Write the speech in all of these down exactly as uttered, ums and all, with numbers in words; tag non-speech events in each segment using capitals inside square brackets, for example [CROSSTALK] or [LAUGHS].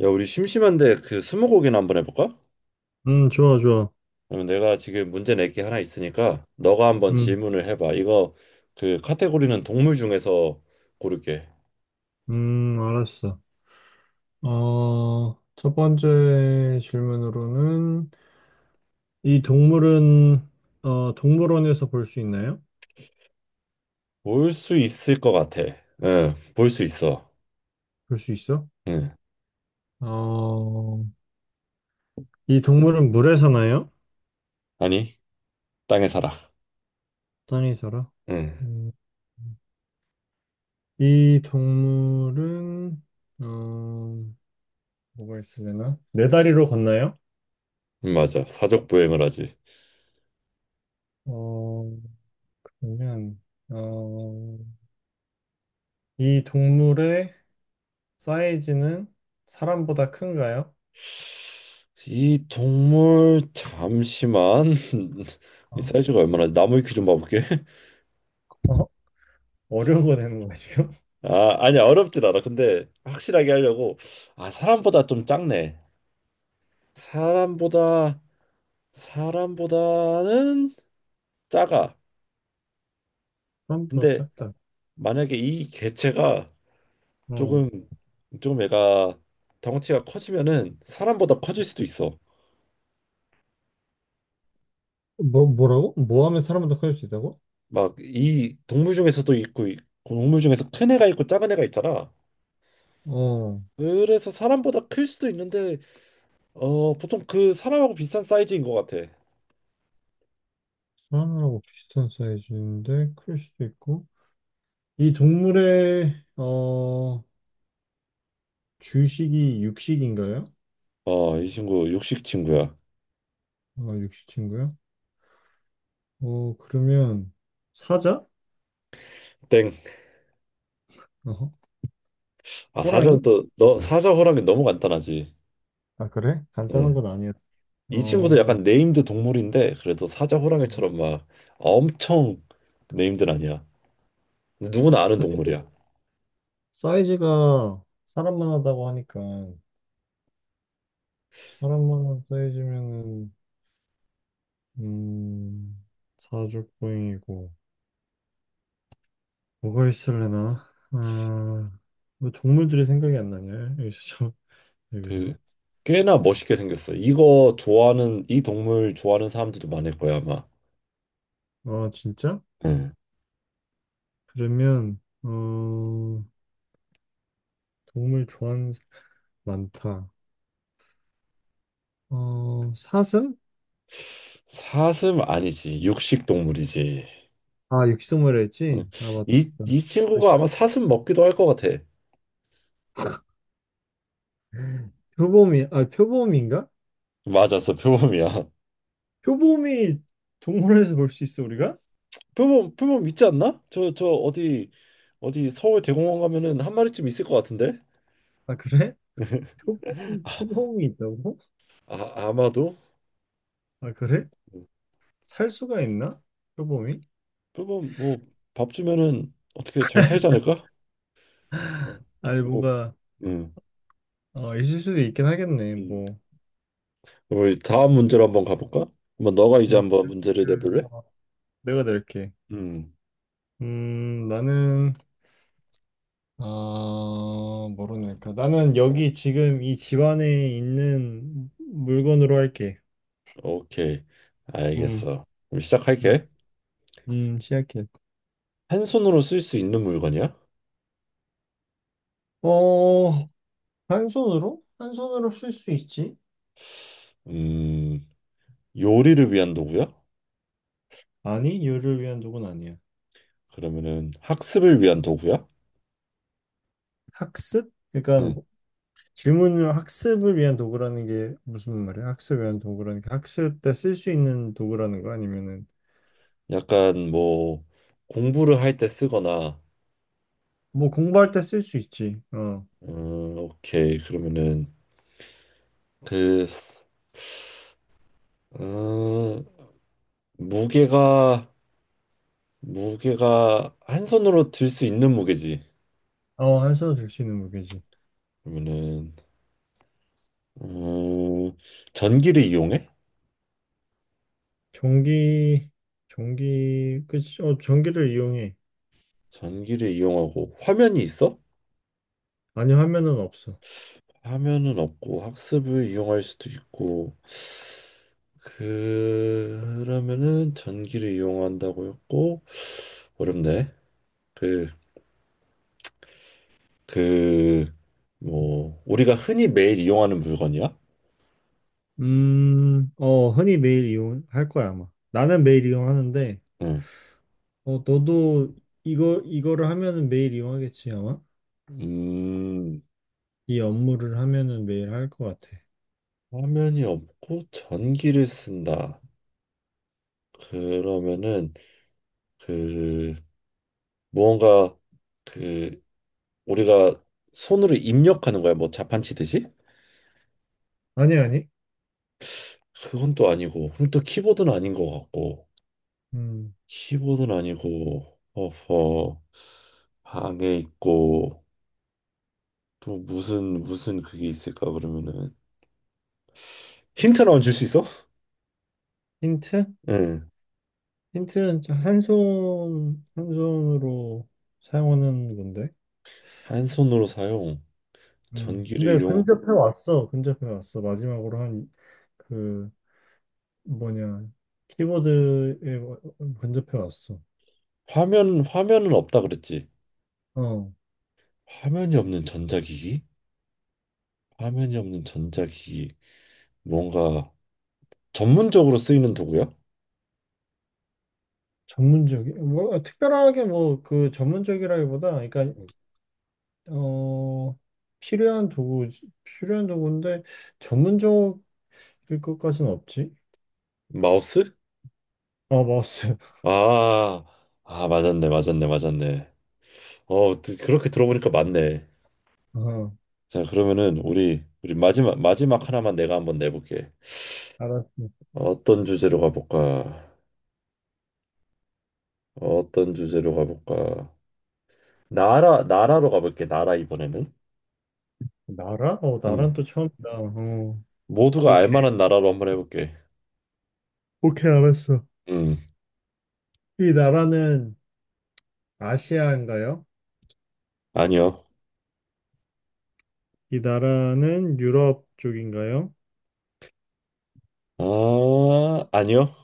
야, 우리 심심한데 그 스무고개나 한번 해볼까? 음, 좋아, 좋아. 그러면 내가 지금 문제 낼 게 하나 있으니까 너가 한번 음, 질문을 해봐. 이거 그 카테고리는 동물 중에서 고를게. 음, 알았어. 어, 첫 번째 질문으로는 이 동물은 어, 동물원에서 볼 수 있나요? 볼 수 있을 것 같아. 응, 볼 수 있어. 볼 수 있어? 응, 어, 이 동물은 물에 사나요? 아니 땅에 살아. 땅에 살아? 응, 음, 이 동물은 어, 뭐가 있으려나? 네 다리로 걷나요? 응, 맞아. 사족 보행을 하지. 어, 그러면 어, 이 동물의 사이즈는 사람보다 큰가요? 이 동물 잠시만 [LAUGHS] 이 아, 사이즈가 얼마나 나무 위키 좀 봐볼게. [LAUGHS] 어? 어려운 거 되는 거야, 지금? [LAUGHS] 아, 아니 어렵진 않아. 근데 확실하게 하려고 아 사람보다 좀 작네. 사람보다 사람보다는 작아. 사람보다 근데 짧다. 만약에 이 개체가 어. 조금 좀 애가 덩치가 커지면은 사람보다 커질 수도 있어. 뭐, 뭐라고? 뭐 하면 사람보다 클 수 있다고? 막 이 동물 중에서도 있고 이 동물 중에서 큰 애가 있고 작은 애가 있잖아. 어, 그래서 사람보다 클 수도 있는데 어 보통 그 사람하고 비슷한 사이즈인 것 같아. 사람하고 비슷한 사이즈인데 클 수도 있고. 이 동물의 어, 주식이 육식인가요? 어 이 친구 육식 친구야. 어, 육식친구요? 어, 그러면 사자? 땡. 어허. 아 사자는 호랑이? 또 너 사자 호랑이 너무 간단하지. 아, 그래? 간단한 예. 건 아니야. 이 친구도 어, 약간 네임드 동물인데 그래도 사자 호랑이처럼 막 엄청 네임드는 아니야. 누구나 아는 동물이야. 사이즈가 사람만 하다고 하니까 사람만 한 사이즈면은 음, 사족보행이고 뭐가 있을래나? 아, 뭐 동물들이 생각이 안 나냐? 여기서 [LAUGHS] 좀- 그 여기서. 꽤나 멋있게 생겼어. 이거 좋아하는 이 동물 좋아하는 사람들도 많을 거야 아마. 아, 진짜? 응. 그러면 어, 동물 좋아하는 사람 많다. 어, 사슴? 사슴 아니지 육식 동물이지. 아, 육식동물이라 했지? 응. 아, 맞다. 이, 이 친구가 그렇죠. 아마 사슴 먹기도 할 것 같아. 표범이 아, 표범인가? 맞았어 표범이야. 표범이 동물원에서 볼 수 있어, 우리가? [LAUGHS] 표범 표범 있지 않나? 저 저 어디 어디 서울 대공원 가면은 한 마리쯤 있을 것 같은데? 아, 그래? 표범 [LAUGHS] 표범이 있다고? 아, 아마도. 아, 그래? 응. 살 수가 있나? 표범이? 그러면 뭐 밥 주면은 어떻게 잘 살지 않을까? 어, 아니, 어, 뭔가 음, 아, 있을 수도 있긴 하겠네. 음. 뭐. 그럼 우리 다음 문제로 한번 가볼까? 한번 너가 이제 음, 한번 문제를 그, 내볼래? 어, 내가 낼게. 음, 음, 나는, 아, 뭐로 낼까? 나는 여기 지금 이 집안에 있는 물건으로 할게. 오케이, 음, 알겠어. 그럼 음, 시작할게. 음, 시작해. 한 손으로 쓸 수 있는 물건이야? 어, 한 손으로? 한 손으로 쓸 수 있지? 음, 요리를 위한 도구야? 아니, 요를 위한 도구는 아니야. 그러면은 학습을 위한 도구야? 학습? 그러니까 응. 뭐 질문을 학습을 위한 도구라는 게 무슨 말이야? 학습을 위한 도구라는 게 학습 때 쓸 수 있는 도구라는 거 아니면은 약간 뭐 공부를 할 때 쓰거나, 뭐 공부할 때 쓸 수 있지. 어, 음, 오케이. 그러면은 그, 쓰- 음, 무게가 무게가 한 손으로 들 수 있는 무게지. 어, 한손으로 들 수 있는 무게지. 그러면은 음, 전기를 이용해? 전기, 전기, 그치? 어, 전기를 이용해. 전기를 이용하고 화면이 있어? 아니, 화면은 없어. 화면은 없고 학습을 이용할 수도 있고 그- 그러면은 전기를 이용한다고 했고 어렵네. 그 그 뭐 우리가 흔히 매일 이용하는 물건이야? 음, 어, 흔히 매일 이용할 거야, 아마. 나는 매일 이용하는데, 응. 어, 너도 이거, 이거를 하면은 매일 이용하겠지, 아마? 음, 이 업무를 하면은 매일 할 것 같아. 화면이 없고 전기를 쓴다. 그러면은 그 무언가 그 우리가 손으로 입력하는 거야 뭐 자판치듯이 아니, 아니. 그건 또 아니고 그럼 또 키보드는 아닌 것 같고 음, 키보드는 아니고 어허 방에 있고 또 무슨 무슨 그게 있을까 그러면은 힌트 나만 줄 수 있어? 힌트? 응. 힌트는 한 손, 한 손으로 사용하는 건데. 한 손으로 사용 음. 전기를 근데 이용 근접해 왔어. 근접해 왔어. 마지막으로 한 그 뭐냐 키보드에 어, 어, 근접해 왔어. 화면 화면은 없다 그랬지 어. 화면이 없는 전자기기 화면이 없는 전자기기 뭔가 전문적으로 쓰이는 도구야? 전문적이 뭐 특별하게 뭐 그 전문적이라기보다 그러니까 어 필요한 도구 필요한 도구인데 전문적일 것까지는 없지. 마우스? 아 마우스. [LAUGHS] 아, 아, 맞았네, 맞았네, 맞았네. 어, 드- 그렇게 들어보니까 맞네. 어 자, 그러면은 우리 우리 마지막 마지막 하나만 내가 한번 내볼게. 알았어. 어떤 주제로 가볼까? 어떤 주제로 가볼까? 나라 나라로 가볼게. 나라 이번에는. 나라? 어 나란 음, 또 처음이다. 어 모두가 알 오케이 만한 나라로 한번 해볼게. 오케이 알았어. 음, 이 나라는 아시아인가요? 아니요. 이 나라는 유럽 쪽인가요? 아, 아니요.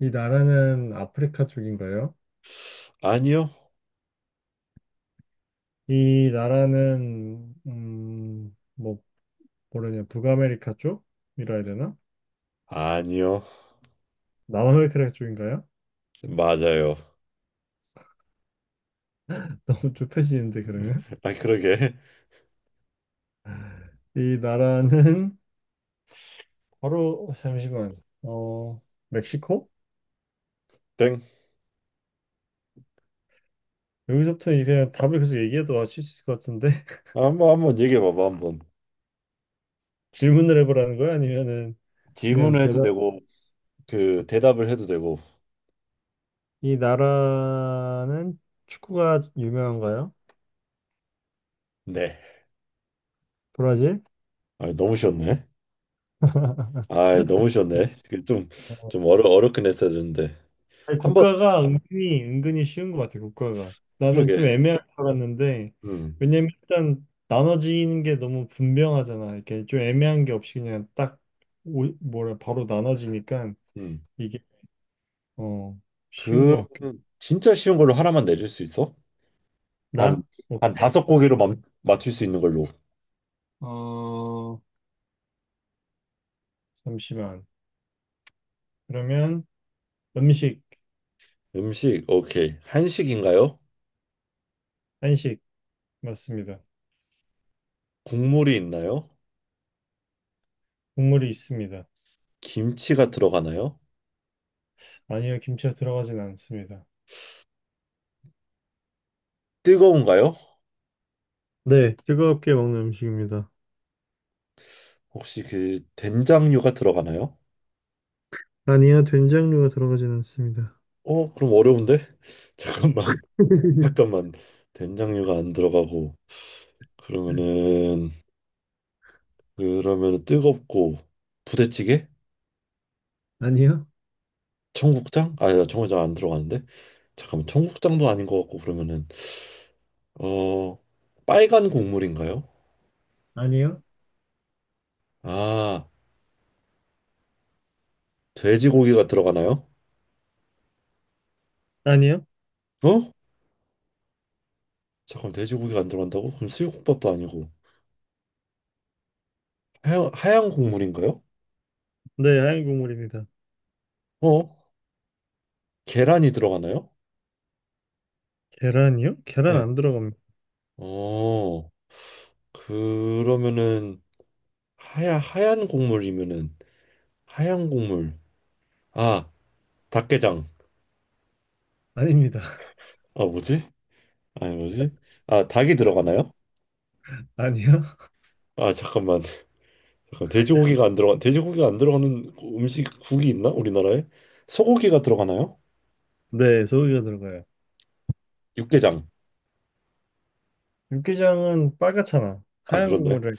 이 나라는 아프리카 쪽인가요? 아니요. 이 나라는 음, 뭐 뭐라냐 북아메리카 쪽이라 해야 되나? 아니요. 남아메리카 쪽인가요? 맞아요. [LAUGHS] 너무 좁혀지는데 그러면 [LAUGHS] 아, 그러게. 이 나라는 바로 어, 잠시만 어 멕시코? 땡. 여기서부터 이제 그냥 답을 계속 얘기해도 아실 수 있을 것 같은데 [LAUGHS] 한번 한번 얘기해 봐봐 한번. 질문을 해보라는 거야? 아니면은 그냥 질문을 해도 대답 되고 그 대답을 해도 되고 이 나라는 축구가 유명한가요? 네 브라질? 아, 너무 쉬웠네 아 너무 쉬웠네 좀좀 어려 어렵긴 했어야 되는데 아니, 한번 국가가 은근히 은근히 쉬운 것 같아. 국가가 나는 좀 그러게 애매할 줄 알았는데 음, 왜냐면 일단 나눠지는 게 너무 분명하잖아. 이렇게 좀 애매한 게 없이 그냥 딱 오- 뭐라 바로 나눠지니까 음. 이게 어 쉬운 것 같긴. 그러면 진짜 쉬운 걸로 하나만 내줄 수 있어? 한 나? 한 오케이. 다섯 고개로 멈, 맞출 수 있는 걸로 어 잠시만. 그러면 음식 음식 오케이 한식인가요? 한식 맞습니다. 국물이 있나요? 국물이 있습니다. 김치가 들어가나요? 아니요 김치가 들어가진 않습니다. 뜨거운가요? 네, 뜨겁게 먹는 음식입니다. 혹시 그 된장류가 들어가나요? 아니요 된장류가 들어가진 않습니다. 어 그럼 어려운데 [LAUGHS] 잠깐만 [LAUGHS] 잠깐만 된장류가 안 들어가고 그러면은 그러면 은 뜨겁고 부대찌개? 아니요? 청국장? 아, 야, 청국장 안 들어가는데 잠깐만 청국장도 아닌 것 같고 그러면은 어 빨간 국물인가요? 아니요? 아 돼지고기가 들어가나요? 아니요? 어? 잠깐 돼지고기가 안 들어간다고? 그럼 수육국밥도 아니고 하얀, 하얀 국물인가요? 네, 하얀 국물입니다. 어? 계란이 들어가나요? 계란이요? 계란 네. 안 들어갑니다. 어 그러면은 하 하얀 국물이면은 하얀 국물 아, 닭게장. 아닙니다. [LAUGHS] 아, 뭐지? 아니, 뭐지? 아, 닭이 들어가나요? 아니요? 아, 잠깐만. 잠깐, 돼지고기가 안 들어가, 돼지고기가 안 들어가는 음식, 국이 있나? 우리나라에? 소고기가 들어가나요? 네, 소고기가 들어가요. 육개장. 육개장은 빨갛잖아. 아, 하얀 그런데. 국물을.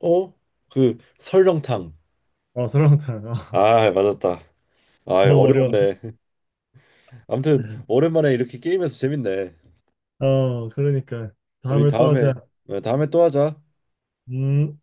어? 그, 설렁탕. 어, 설렁탕. 어, [LAUGHS] 아, 맞았다. 아, 너무 어려워. 어려웠네. 아무튼, 오랜만에 이렇게 게임해서 재밌네. 어, 그러니까. 우리 다음에 또 다음에, 하자. 네, 다음에 또 하자. 음.